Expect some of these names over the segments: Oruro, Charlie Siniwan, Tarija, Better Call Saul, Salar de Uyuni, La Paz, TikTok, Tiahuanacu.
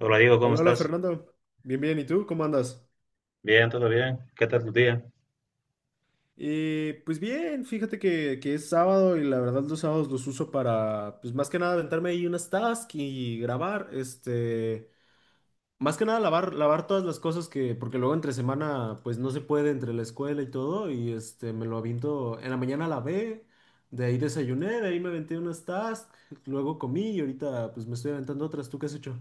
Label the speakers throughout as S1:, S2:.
S1: Hola Diego, ¿cómo
S2: Hola, hola
S1: estás?
S2: Fernando. Bien, bien. ¿Y tú? ¿Cómo andas?
S1: Bien, todo bien. ¿Qué tal tu día?
S2: Pues bien, fíjate que es sábado y la verdad los sábados los uso para, pues más que nada aventarme ahí unas tasks y grabar, más que nada lavar, lavar todas las cosas que, porque luego entre semana pues no se puede entre la escuela y todo y me lo aviento. En la mañana lavé, de ahí desayuné, de ahí me aventé unas tasks, luego comí y ahorita pues me estoy aventando otras. ¿Tú qué has hecho?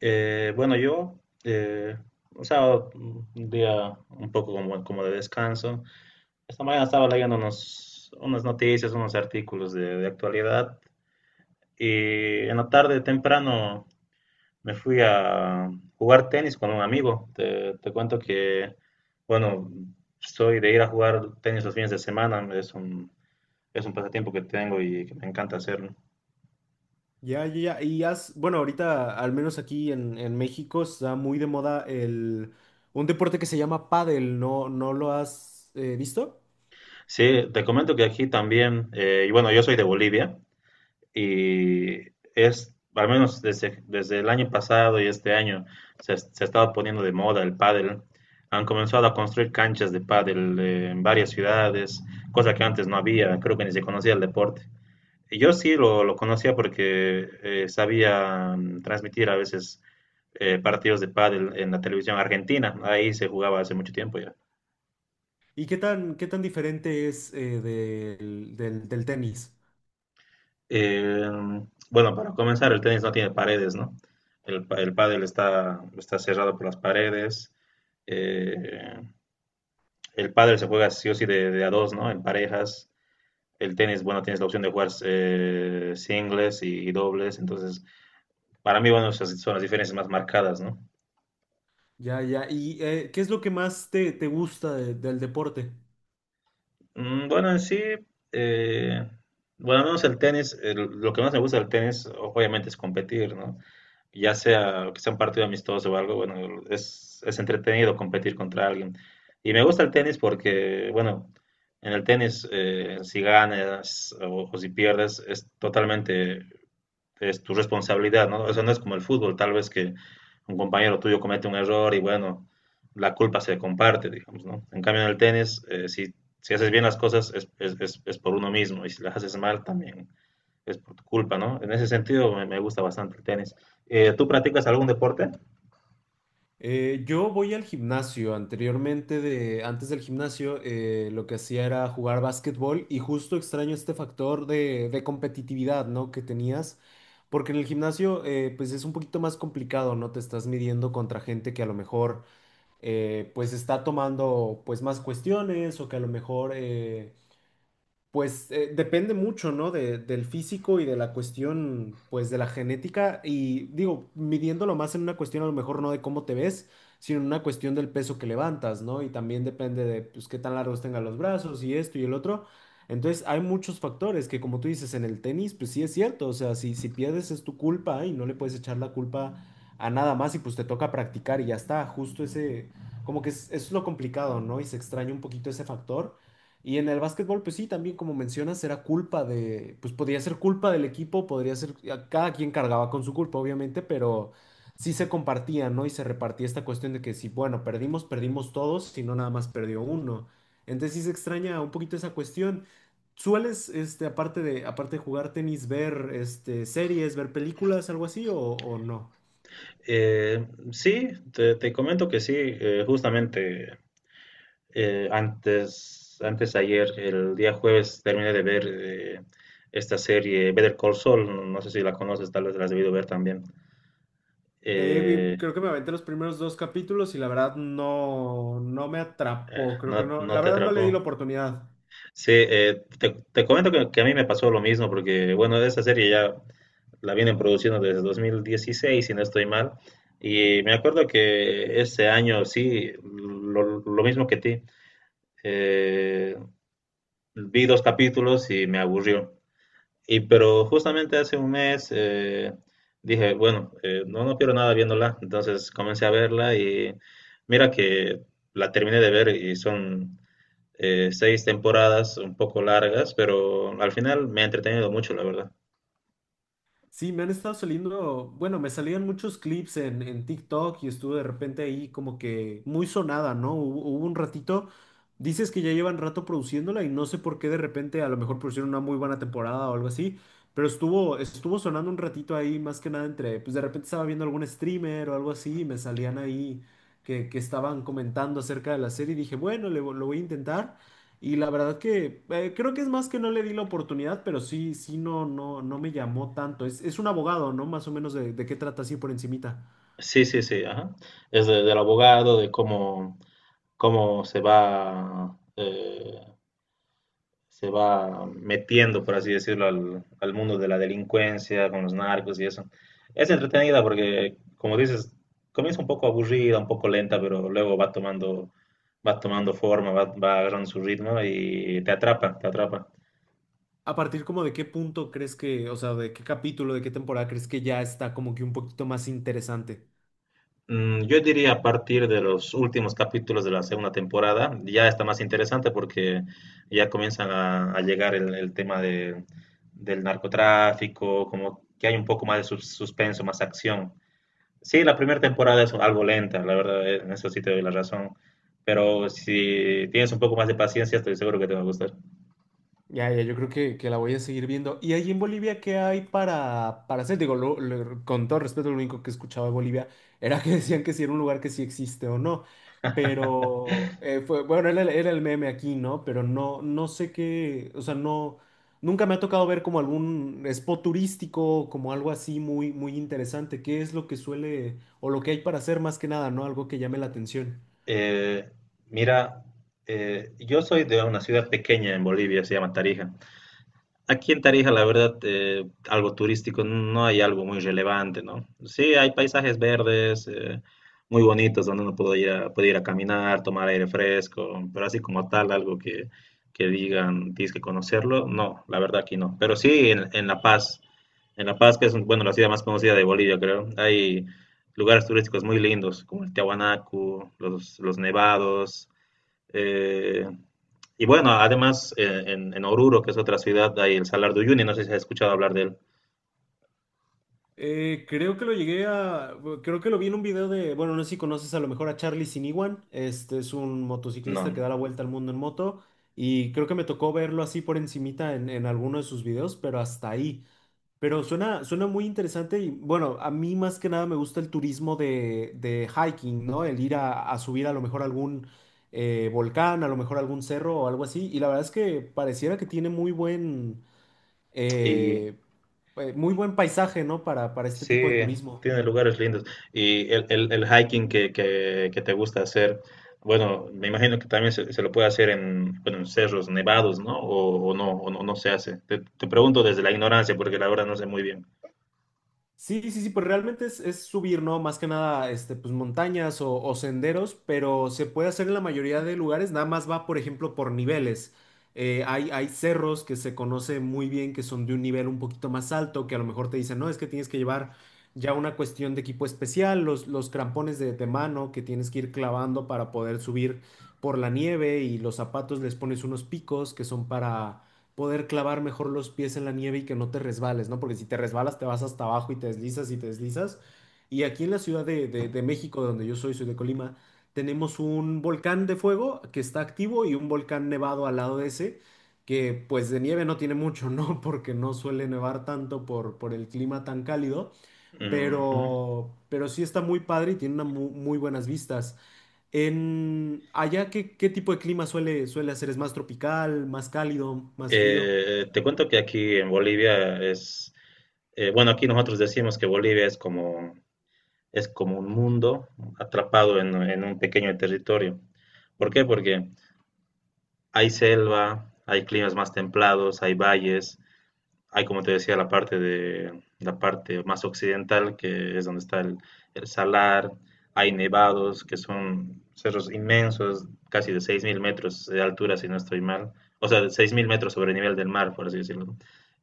S1: Bueno, yo, un sábado, un día un poco como de descanso. Esta mañana estaba leyendo unas noticias, unos artículos de actualidad y en la tarde temprano me fui a jugar tenis con un amigo. Te cuento que, bueno, soy de ir a jugar tenis los fines de semana, es un pasatiempo que tengo y que me encanta hacer, ¿no?
S2: Ya, ya, ya. Y has, bueno, ahorita, al menos aquí en México, está muy de moda el, un deporte que se llama pádel. ¿No, no lo has visto?
S1: Sí, te comento que aquí también, y bueno, yo soy de Bolivia y es, al menos desde el año pasado y este año, se ha estado poniendo de moda el pádel. Han comenzado a construir canchas de pádel en varias ciudades, cosa que antes no había, creo que ni se conocía el deporte. Y yo sí lo conocía porque sabía transmitir a veces partidos de pádel en la televisión argentina, ahí se jugaba hace mucho tiempo ya.
S2: ¿Y qué tan diferente es del, del tenis?
S1: Eh, bueno, para comenzar, el tenis no tiene paredes, ¿no? El pádel está cerrado por las paredes. Eh, el pádel se juega sí o sí de a dos, ¿no? En parejas. El tenis, bueno, tienes la opción de jugar singles y dobles. Entonces, para mí, bueno, esas son las diferencias más marcadas, ¿no?
S2: Ya, ya. ¿Y qué es lo que más te, te gusta del deporte?
S1: Bueno, en sí, eh, bueno, al menos el tenis, lo que más me gusta del tenis, obviamente, es competir, ¿no? Ya sea que sea un partido amistoso o algo, bueno, es entretenido competir contra alguien. Y me gusta el tenis porque, bueno, en el tenis, si ganas o si pierdes, es totalmente es tu responsabilidad, ¿no? Eso no es como el fútbol, tal vez que un compañero tuyo comete un error y, bueno, la culpa se comparte, digamos, ¿no? En cambio, en el tenis, si haces bien las cosas, es por uno mismo y si las haces mal, también es por tu culpa, ¿no? En ese sentido me gusta bastante el tenis. ¿Tú practicas algún deporte?
S2: Yo voy al gimnasio. Anteriormente, de, antes del gimnasio, lo que hacía era jugar básquetbol y justo extraño este factor de competitividad, ¿no? Que tenías, porque en el gimnasio, pues es un poquito más complicado, ¿no? Te estás midiendo contra gente que a lo mejor, pues está tomando, pues más cuestiones o que a lo mejor, pues depende mucho, ¿no? Del físico y de la cuestión, pues de la genética. Y digo, midiéndolo más en una cuestión a lo mejor no de cómo te ves, sino en una cuestión del peso que levantas, ¿no? Y también depende de, pues, qué tan largos tengan los brazos y esto y el otro. Entonces, hay muchos factores que, como tú dices, en el tenis, pues sí es cierto. O sea, si pierdes es tu culpa y no le puedes echar la culpa a nada más y pues te toca practicar y ya está. Justo ese, como que es lo complicado, ¿no? Y se extraña un poquito ese factor. Y en el básquetbol, pues sí, también como mencionas, era culpa de, pues podría ser culpa del equipo, podría ser, cada quien cargaba con su culpa, obviamente, pero sí se compartía, ¿no? Y se repartía esta cuestión de que si, bueno, perdimos, perdimos todos, si no, nada más perdió uno. Entonces sí se extraña un poquito esa cuestión. ¿Sueles, este, aparte de jugar tenis, ver, este, series, ver películas, algo así, o no?
S1: Sí, te comento que sí, justamente antes ayer, el día jueves, terminé de ver esta serie Better Call Saul, no sé si la conoces, tal vez la has debido ver también. Eh,
S2: Creo que me aventé los primeros dos capítulos y la verdad no, no me atrapó, creo que
S1: no,
S2: no,
S1: no
S2: la
S1: te
S2: verdad no le di la
S1: atrapó.
S2: oportunidad.
S1: Sí, te comento que a mí me pasó lo mismo, porque bueno, esa serie ya la vienen produciendo desde 2016, si no estoy mal. Y me acuerdo que ese año, sí, lo mismo que ti, eh, vi dos capítulos y me aburrió. Y pero justamente hace un mes dije, bueno, no pierdo nada viéndola. Entonces comencé a verla y mira que la terminé de ver y son seis temporadas un poco largas, pero al final me ha entretenido mucho, la verdad.
S2: Sí, me han estado saliendo, bueno, me salían muchos clips en TikTok y estuve de repente ahí como que muy sonada, ¿no? Hubo, hubo un ratito, dices que ya llevan rato produciéndola y no sé por qué de repente a lo mejor pusieron una muy buena temporada o algo así, pero estuvo, estuvo sonando un ratito ahí más que nada entre, pues de repente estaba viendo algún streamer o algo así y me salían ahí que estaban comentando acerca de la serie y dije, bueno, lo voy a intentar. Y la verdad que creo que es más que no le di la oportunidad, pero sí, sí, no, no, no me llamó tanto. Es un abogado, ¿no? Más o menos de qué trata así por encimita.
S1: Sí, sí, sí. Ajá. Es del abogado, de cómo se va metiendo, por así decirlo, al mundo de la delincuencia, con los narcos y eso. Es entretenida porque, como dices, comienza un poco aburrida, un poco lenta, pero luego va tomando forma, va agarrando su ritmo y te atrapa, te atrapa.
S2: ¿A partir como de qué punto crees que, o sea, de qué capítulo, de qué temporada crees que ya está como que un poquito más interesante?
S1: Yo diría a partir de los últimos capítulos de la segunda temporada, ya está más interesante porque ya comienzan a llegar el tema del narcotráfico, como que hay un poco más de suspenso, más acción. Sí, la primera temporada es algo lenta, la verdad, en eso sí te doy la razón, pero si tienes un poco más de paciencia, estoy seguro que te va a gustar.
S2: Ya, ya, yo creo que la voy a seguir viendo. ¿Y ahí en Bolivia qué hay para hacer? Digo, con todo respeto, lo único que escuchaba de Bolivia era que decían que si era un lugar que sí existe o no. Pero, fue, bueno, era el meme aquí, ¿no? Pero no, no sé qué, o sea, no, nunca me ha tocado ver como algún spot turístico, como algo así muy, muy interesante. ¿Qué es lo que suele, o lo que hay para hacer más que nada, ¿no? Algo que llame la atención.
S1: Eh, mira, yo soy de una ciudad pequeña en Bolivia, se llama Tarija. Aquí en Tarija, la verdad, algo turístico no hay algo muy relevante, ¿no? Sí, hay paisajes verdes, muy bonitos, donde uno puede ir puede ir a caminar, tomar aire fresco, pero así como tal, algo que digan, tienes que conocerlo, no, la verdad aquí no. Pero sí en La Paz, que es, bueno, la ciudad más conocida de Bolivia, creo, hay lugares turísticos muy lindos, como el Tiahuanacu, los nevados, eh, y bueno, además en Oruro, que es otra ciudad, hay el Salar de Uyuni, no sé si has escuchado hablar de él.
S2: Creo que lo llegué a, bueno, creo que lo vi en un video de, bueno, no sé si conoces a lo mejor a Charlie Siniwan, este es un
S1: No,
S2: motociclista que
S1: no.
S2: da la vuelta al mundo en moto y creo que me tocó verlo así por encimita en alguno de sus videos, pero hasta ahí. Pero suena, suena muy interesante y bueno, a mí más que nada me gusta el turismo de hiking, ¿no? El ir a subir a lo mejor algún volcán, a lo mejor algún cerro o algo así y la verdad es que pareciera que tiene
S1: Y
S2: eh, muy buen paisaje, ¿no? Para este
S1: sí,
S2: tipo de turismo.
S1: tiene lugares lindos. Y el hiking que te gusta hacer, bueno, me imagino que también se lo puede hacer en, bueno, en cerros nevados, ¿no? O no, no se hace. Te pregunto desde la ignorancia, porque la verdad no sé muy bien.
S2: Sí, sí, sí, pues realmente es subir, ¿no? Más que nada, este, pues montañas o senderos, pero se puede hacer en la mayoría de lugares, nada más va, por ejemplo, por niveles. Hay cerros que se conoce muy bien, que son de un nivel un poquito más alto, que a lo mejor te dicen, no, es que tienes que llevar ya una cuestión de equipo especial, los crampones de mano que tienes que ir clavando para poder subir por la nieve y los zapatos les pones unos picos que son para poder clavar mejor los pies en la nieve y que no te resbales, ¿no? Porque si te resbalas te vas hasta abajo y te deslizas y te deslizas. Y aquí en la Ciudad de, de México, donde yo soy, soy de Colima, tenemos un volcán de fuego que está activo y un volcán nevado al lado de ese, que pues de nieve no tiene mucho, ¿no? Porque no suele nevar tanto por el clima tan cálido,
S1: Ujú.
S2: pero sí está muy padre y tiene unas muy buenas vistas. En allá, ¿qué, qué tipo de clima suele, suele hacer? ¿Es más tropical, más cálido, más frío?
S1: Te cuento que aquí en Bolivia bueno, aquí nosotros decimos que Bolivia es como un mundo atrapado en un pequeño territorio. ¿Por qué? Porque hay selva, hay climas más templados, hay valles, hay, como te decía, la parte más occidental, que es donde está el salar, hay nevados, que son cerros inmensos, casi de 6000 metros de altura, si no estoy mal, o sea, de 6000 metros sobre el nivel del mar, por así decirlo.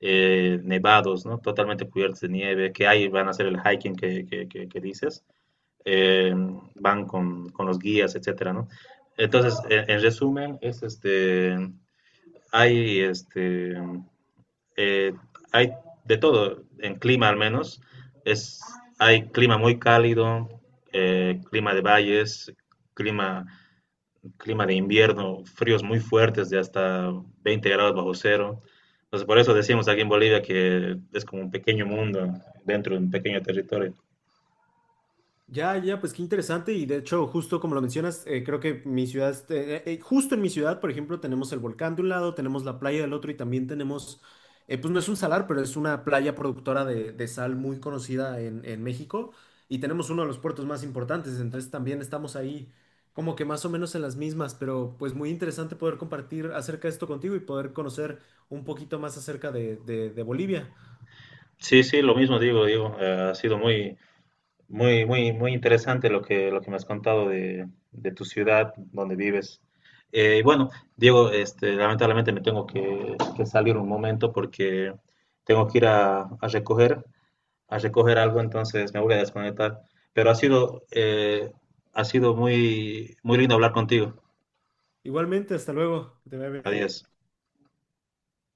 S1: Nevados, ¿no? Totalmente cubiertos de nieve, que ahí van a hacer el hiking que dices eh, van los guías, etcétera, ¿no? Entonces, en resumen, es este, eh, hay de todo, en clima al menos, es, hay clima muy cálido, clima de valles, clima, clima de invierno, fríos muy fuertes de hasta 20 grados bajo cero. Entonces, por eso decimos aquí en Bolivia que es como un pequeño mundo dentro de un pequeño territorio.
S2: Ya, ya, pues qué interesante y de hecho, justo como lo mencionas, creo que mi ciudad, este, justo en mi ciudad, por ejemplo, tenemos el volcán de un lado, tenemos la playa del otro y también tenemos, pues no es un salar, pero es una playa productora de sal muy conocida en México y tenemos uno de los puertos más importantes, entonces también estamos ahí como que más o menos en las mismas, pero pues muy interesante poder compartir acerca de esto contigo y poder conocer un poquito más acerca de, de Bolivia.
S1: Sí, sí, lo mismo digo, muy, muy interesante lo que me has contado de tu ciudad donde vives. Bueno, Diego, este, lamentablemente me tengo que salir un momento porque tengo que ir a recoger algo, entonces me voy a desconectar. Pero ha sido muy, muy lindo hablar contigo.
S2: Igualmente, hasta luego, que te vaya bien.
S1: Adiós.